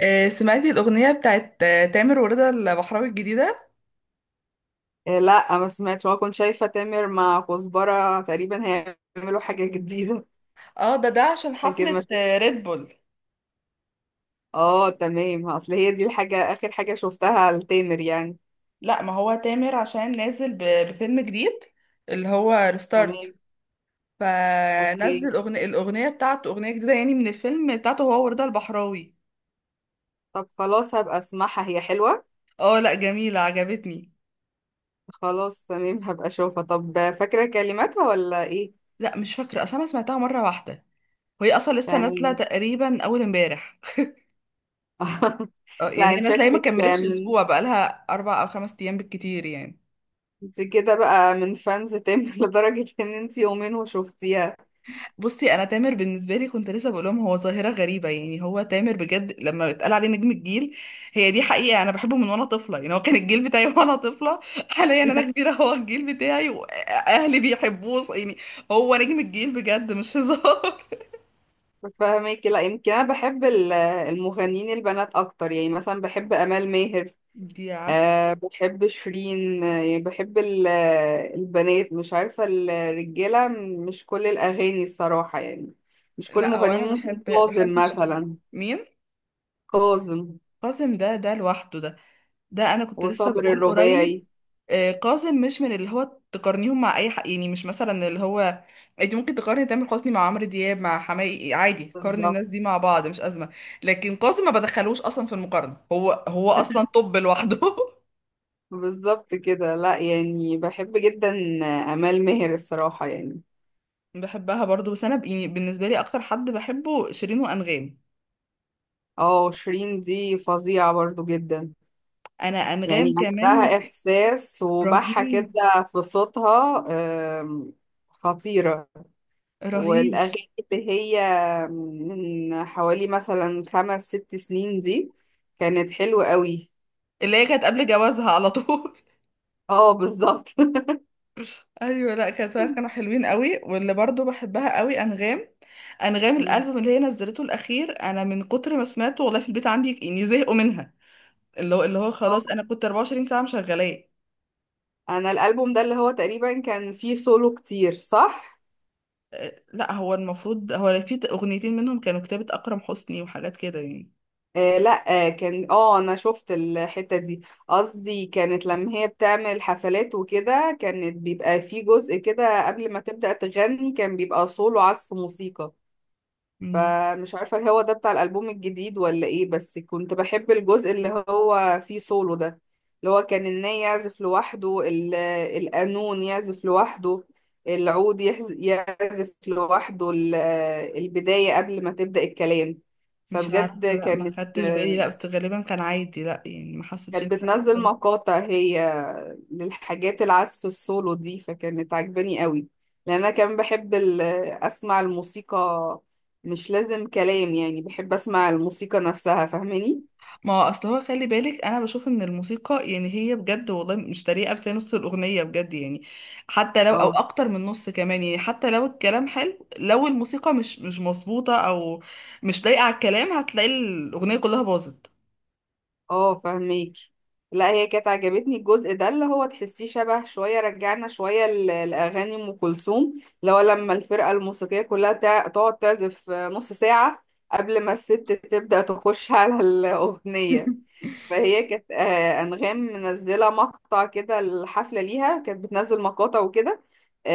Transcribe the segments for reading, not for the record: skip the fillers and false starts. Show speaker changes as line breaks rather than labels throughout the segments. آه، سمعتي الأغنية بتاعت تامر ورضا البحراوي الجديدة.
إيه، لا ما سمعتش وانا كنت شايفه تامر مع كزبره تقريبا هيعملوا حاجه جديده.
اه ده عشان
لكن ما
حفلة
شفت.
آه، ريد بول.
اه تمام، اصل هي دي الحاجه، اخر حاجه شفتها لتامر يعني.
لا، ما هو تامر عشان بفيلم جديد اللي هو
تمام.
ريستارت.
اوكي.
فنزل أغنية الأغنية بتاعته، أغنية جديدة يعني من الفيلم بتاعته هو ورضا البحراوي.
طب خلاص هبقى اسمعها، هي حلوه؟
اه لا، جميلة، عجبتني.
خلاص تمام، هبقى اشوفها. طب فاكره كلماتها ولا ايه؟
لا مش فاكرة، أصل أنا سمعتها مرة واحدة، وهي أصلا لسه نازلة
تمام.
تقريبا أول امبارح. اه
لا
يعني هي
انت
نازلة، هي ما
شكلك
كملتش
من،
أسبوع، بقالها أربع أو خمس أيام بالكتير يعني.
انت كده بقى من فانز تامر لدرجه ان انت يومين وشفتيها.
بصي، انا تامر بالنسبه لي كنت لسه بقول لهم هو ظاهره غريبه، يعني هو تامر بجد لما اتقال عليه نجم الجيل هي دي حقيقه. انا بحبه من وانا طفله، يعني هو كان الجيل بتاعي وانا طفله. حاليا انا كبيره هو الجيل بتاعي واهلي بيحبوه يعني. هو نجم الجيل بجد، مش هزار.
فاهمك. لا، يمكن انا بحب المغنيين البنات اكتر، يعني مثلا بحب امال ماهر.
دي عسل.
أه بحب شيرين، يعني بحب البنات، مش عارفه الرجاله. مش كل الاغاني الصراحه يعني، مش كل
لا، هو
المغنيين.
انا
ممكن
بحب
كاظم
بحب شيرين
مثلا.
مين؟
كاظم
قاسم ده لوحده ده. ده انا كنت لسه
وصابر
بقول قريب.
الرباعي.
آه، قاسم مش من اللي هو تقارنيهم مع اي حق، يعني مش مثلا اللي هو انت ممكن تقارني تامر حسني مع عمرو دياب مع حماقي، عادي قارني
بالظبط.
الناس دي مع بعض، مش ازمه. لكن قاسم ما بدخلوش اصلا في المقارنه، هو اصلا طب لوحده.
بالظبط كده. لا يعني بحب جدا امال ماهر الصراحه يعني.
بحبها برضو، بس يعني بالنسبه لي اكتر حد بحبه شيرين وانغام.
اه شيرين دي فظيعه برضو جدا،
انا انغام
يعني
كمان.
عندها إحساس وبحة كده
رهيب.
في صوتها. آم، خطيرة.
رهيب.
والأغاني اللي هي من حوالي مثلا خمس ست سنين دي كانت حلوة قوي.
اللي هي كانت قبل جوازها على طول.
اه بالظبط.
ايوه، لا كانت فعلاً كانوا حلوين قوي، واللي برضو بحبها قوي انغام. انغام
مم.
الالبوم اللي هي نزلته الاخير، انا من كتر ما سمعته والله في البيت عندي يعني زهقوا منها. اللي هو خلاص انا كنت 24 ساعه مشغلاه.
أنا الألبوم ده اللي هو تقريبا كان فيه سولو كتير، صح؟
أه، لا هو المفروض هو في اغنيتين منهم كانوا كتابة اكرم حسني وحاجات كده يعني.
آه لا آه، كان انا شفت الحتة دي. قصدي كانت لما هي بتعمل حفلات وكده، كانت بيبقى في جزء كده قبل ما تبدأ تغني، كان بيبقى سولو عزف موسيقى.
مم،
فمش عارفة هو ده بتاع الألبوم الجديد ولا ايه، بس كنت بحب الجزء اللي هو فيه سولو ده. اللي هو كان الناي يعزف لوحده، القانون يعزف لوحده، العود يعزف لوحده، البداية قبل ما تبدأ الكلام.
مش عارفه
فبجد
لا، ما
كانت
خدتش بالي، لا بس غالبا كان عادي، لا يعني ما حسيتش إن
كانت
في
بتنزل
حاجه.
مقاطع هي للحاجات، العزف السولو دي، فكانت عجباني قوي. لان انا كمان بحب اسمع الموسيقى، مش لازم كلام يعني، بحب اسمع الموسيقى نفسها، فاهماني؟
ما هو اصل هو خلي بالك، انا بشوف ان الموسيقى يعني هي بجد والله مش طريقه، بس هي نص الاغنيه بجد يعني. حتى لو او
اه
اكتر من نص كمان، يعني حتى لو الكلام حلو، لو الموسيقى مش مظبوطه او مش لايقه على الكلام هتلاقي الاغنيه كلها باظت.
اه فاهميك. لا هي كانت عجبتني الجزء ده، اللي هو تحسيه شبه شوية، رجعنا شوية لأغاني أم كلثوم، اللي هو لما الفرقة الموسيقية كلها تقعد تعزف نص ساعة قبل ما الست تبدأ تخش على الأغنية. فهي كانت، أنغام، منزلة مقطع كده الحفلة ليها، كانت بتنزل مقاطع وكده.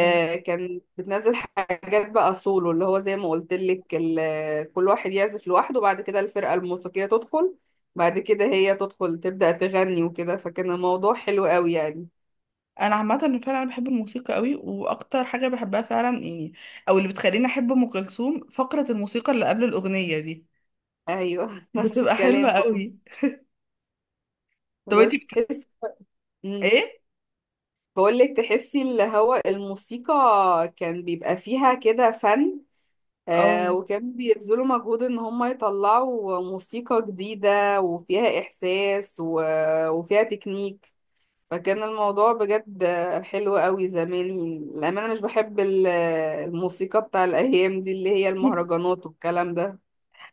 مم.
كان بتنزل حاجات بقى سولو، اللي هو زي ما قلت لك، كل واحد يعزف لوحده، بعد كده الفرقة الموسيقية تدخل، بعد كده هي تدخل تبدأ تغني وكده. فكان الموضوع حلو قوي يعني.
انا عامه فعلا انا بحب الموسيقى قوي، واكتر حاجه بحبها فعلا يعني او اللي بتخليني احب ام كلثوم فقره الموسيقى اللي قبل الاغنيه دي،
ايوه. نفس
بتبقى حلوه
الكلام برضه.
قوي. طب انتي
بس
بت...
تحس،
ايه؟
بقول لك تحسي اللي هو الموسيقى كان بيبقى فيها كده فن، آه،
اه.
وكانوا بيبذلوا مجهود ان هم يطلعوا موسيقى جديدة وفيها احساس وفيها تكنيك. فكان الموضوع بجد حلو قوي زمان، للأمانة. مش بحب الموسيقى بتاع الايام دي اللي هي المهرجانات والكلام ده.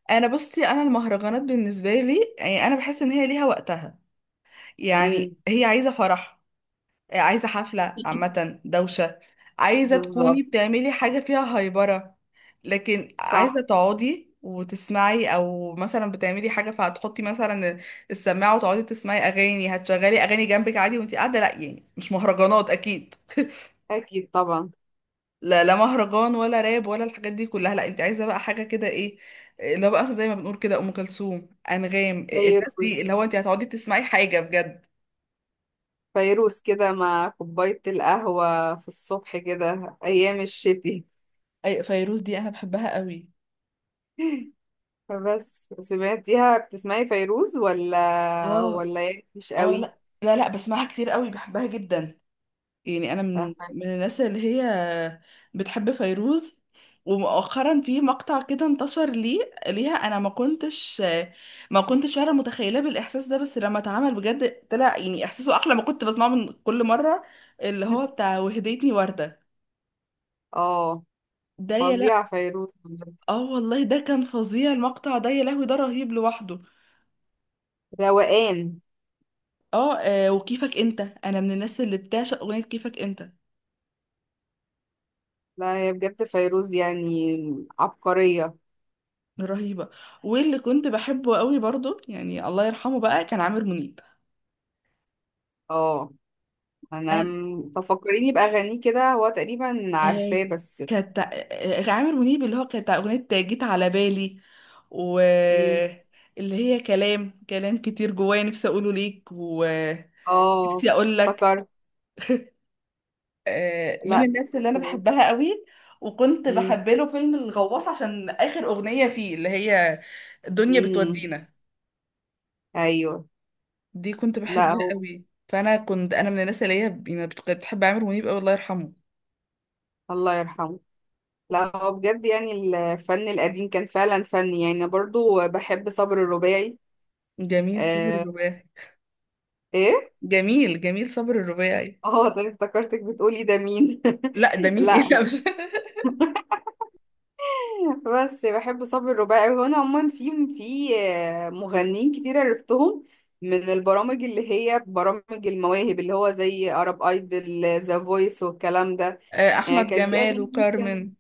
انا بصي، انا المهرجانات بالنسبه لي يعني انا بحس ان هي ليها وقتها. يعني
امم.
هي عايزه فرح، عايزه حفله، عامه دوشه، عايزه تكوني
بالظبط.
بتعملي حاجه فيها هايبره. لكن عايزه
صح.
تقعدي وتسمعي، او مثلا بتعملي حاجه فهتحطي مثلا السماعه وتقعدي تسمعي اغاني، هتشغلي اغاني جنبك عادي وانتي قاعده، لا يعني مش مهرجانات اكيد.
اكيد طبعا.
لا، لا مهرجان ولا راب ولا الحاجات دي كلها، لا انت عايزه بقى حاجه كده ايه، لا بقى زي ما بنقول كده ام كلثوم، انغام، آه، الناس دي اللي
فيروز.
هو انت هتقعدي تسمعي حاجه بجد.
فيروز كده مع كوباية القهوة في الصبح كده ايام الشتي.
اي فيروز دي انا بحبها قوي.
بس سمعتيها؟ بتسمعي فيروز ولا
اه.
ولا يعني مش
اه
قوي؟
لا، لا بسمعها كتير قوي، بحبها جدا. يعني انا
اه،
من الناس اللي هي بتحب فيروز. ومؤخرا في مقطع كده انتشر ليها، انا ما كنتش فعلا متخيله بالاحساس ده، بس لما اتعمل بجد طلع يعني احساسه احلى ما كنت بسمعه من كل مره. اللي هو بتاع وهديتني ورده،
آه،
ده يا لا.
فظيعة فيروز بجد.
اه والله ده كان فظيع المقطع ده، يا لهوي ده رهيب لوحده.
روقان.
اه آه، وكيفك انت، انا من الناس اللي بتعشق اغنيه كيفك انت.
لا هي بجد فيروز يعني عبقرية.
رهيبه. واللي كنت بحبه قوي برضو، يعني الله يرحمه بقى، كان عامر منيب.
اه انا
أنا-
تفكريني بأغانيه كده، هو تقريبا
آه،
عارفاه بس.
كانت آه، آه، عامر منيب اللي هو كانت أغنية جيت على بالي. و
مم.
اللي هي كلام كتير جوايا، نفسي أقوله ليك
اه
ونفسي أقول لك.
افتكرت.
آه، من
لا.
الناس اللي أنا
مم.
بحبها قوي. وكنت بحب له فيلم الغواص عشان آخر أغنية فيه اللي هي الدنيا
مم.
بتودينا،
ايوه.
دي كنت
لا
بحبها
هو
قوي. فأنا كنت أنا من الناس اللي هي كنت بتحب عامر منيب قوي، الله يرحمه.
الله يرحمه. لا هو بجد يعني الفن القديم كان فعلا فن. يعني أنا برضو بحب صبر الرباعي.
جميل صبر
آه.
الرباعي.
ايه.
جميل صبر الرباعي.
اه طيب، افتكرتك بتقولي ده مين.
لا ده مين؟ ايه
لا
لا مش.
بس بحب صبر الرباعي، وانا عموما في مغنيين كتير عرفتهم من البرامج، اللي هي برامج المواهب، اللي هو زي عرب ايدل، ذا فويس والكلام ده.
آه،
يعني
احمد
كان في
جمال
اغاني ممكن،
وكارمن.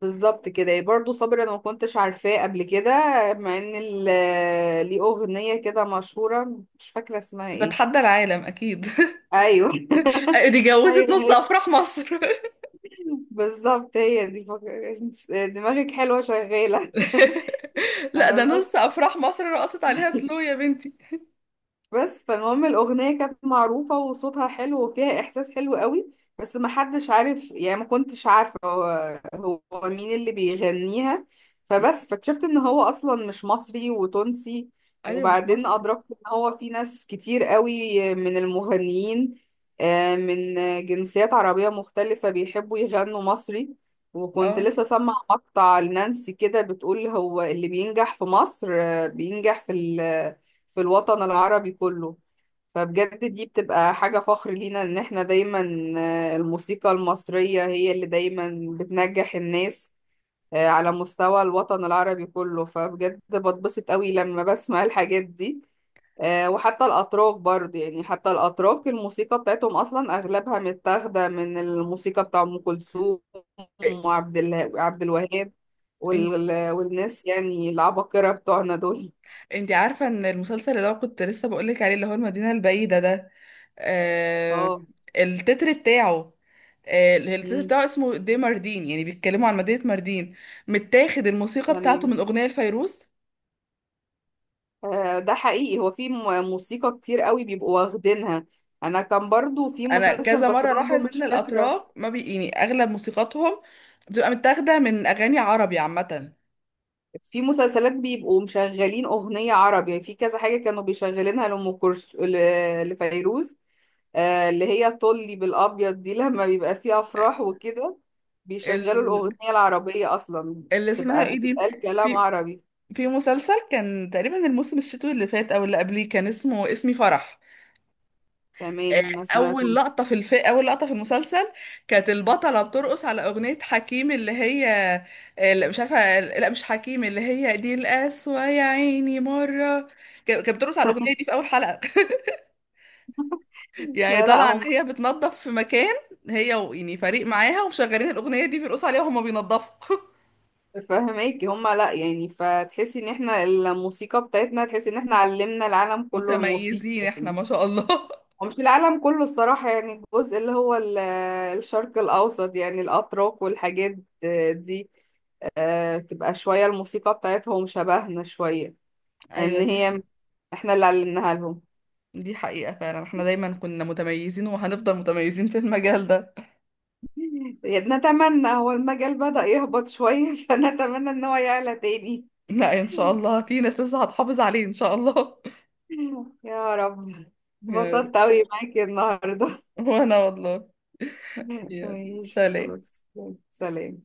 بالظبط كده، برضو صابر انا ما كنتش عارفاه قبل كده. مع ان ليه اغنيه كده مشهوره، مش فاكره اسمها ايه.
بتحدى العالم، اكيد.
ايوه.
دي جوزت
ايوه
نص
هي،
افراح مصر.
بالظبط هي دي دماغك حلوه شغاله.
لا
آه،
ده نص
بس
افراح مصر، رقصت عليها سلو يا بنتي.
بس فالمهم الأغنية كانت معروفة وصوتها حلو وفيها إحساس حلو قوي، بس ما حدش عارف يعني، ما كنتش عارفة هو مين اللي بيغنيها.
م.
فبس فاكتشفت إن هو أصلا مش مصري، وتونسي.
ايوه مش
وبعدين
مصري.
أدركت إن هو في ناس كتير قوي من المغنيين، من جنسيات عربية مختلفة بيحبوا يغنوا مصري. وكنت
اه
لسه سامعة مقطع لنانسي كده، بتقول هو اللي بينجح في مصر، بينجح في الوطن العربي كله. فبجد دي بتبقى حاجة فخر لينا ان احنا دايما، الموسيقى المصرية هي اللي دايما بتنجح الناس، على مستوى الوطن العربي كله. فبجد بتبسط قوي لما بسمع الحاجات دي. وحتى الأتراك برضه، يعني حتى الأتراك، الموسيقى بتاعتهم أصلا أغلبها متاخدة من الموسيقى بتاع أم كلثوم وعبد عبد الوهاب
انت،
والناس يعني، العباقرة بتوعنا دول.
انت عارفه ان المسلسل اللي هو كنت لسه بقول لك عليه اللي هو المدينه البعيده ده، آه
اه
التتر بتاعه، آه التتر بتاعه اسمه دي ماردين، يعني بيتكلموا عن مدينه ماردين، متاخد الموسيقى بتاعته
تمام.
من اغنيه لفيروز.
ده حقيقي، هو في موسيقى كتير قوي بيبقوا واخدينها. انا كان برضو في
انا
مسلسل،
كذا
بس
مره
برضو
لاحظ ان
مش فاكرة.
الاتراك ما بي يعني اغلب موسيقاتهم بتبقى متاخده من اغاني عربي عامه.
في مسلسلات بيبقوا مشغلين اغنية عربي، يعني في كذا حاجة كانوا بيشغلينها لأم كلثوم، لفيروز. اللي هي طلي بالابيض دي، لما بيبقى فيه افراح وكده بيشغلوا
ال...
الاغنية العربية اصلا،
اللي اسمها
تبقى
ايه دي؟
بتبقى الكلام
في
عربي.
في مسلسل كان تقريبا الموسم الشتوي اللي فات او اللي قبليه كان اسمه اسمي فرح.
تمام
آه،
ما سمعتوش.
اول لقطه في المسلسل كانت البطله بترقص على اغنيه حكيم اللي هي آه، لا مش عارفه، لا مش حكيم، اللي هي دي القسوه يا عيني مره. كانت بترقص على الاغنيه دي في اول حلقه، يعني
لا
طالعه ان
لا.
هي بتنظف في مكان، هي يعني فريق معاها ومشغلين الاغنيه دي بيرقصوا عليها وهما بينظفوا.
فهماكي هما، لا يعني فتحسي ان احنا الموسيقى بتاعتنا، تحسي ان احنا علمنا العالم كله
متميزين
الموسيقى.
احنا ما شاء الله.
ومش العالم كله الصراحة يعني، الجزء اللي هو الشرق الأوسط، يعني الأتراك والحاجات دي، تبقى شوية الموسيقى بتاعتهم شبهنا شوية،
ايوه
ان
دي،
هي احنا اللي علمناها لهم.
دي حقيقه فعلا احنا دايما كنا متميزين وهنفضل متميزين في المجال ده.
نتمنى، هو المجال بدأ يهبط شوية فنتمنى ان هو يعلى تاني.
لا ان شاء الله في ناس لسه هتحافظ عليه ان شاء الله.
يا رب.
يا رب.
اتبسطت اوي معاكي النهاردة.
وانا والله. يا
كويس
سلام.
خلاص. سلام.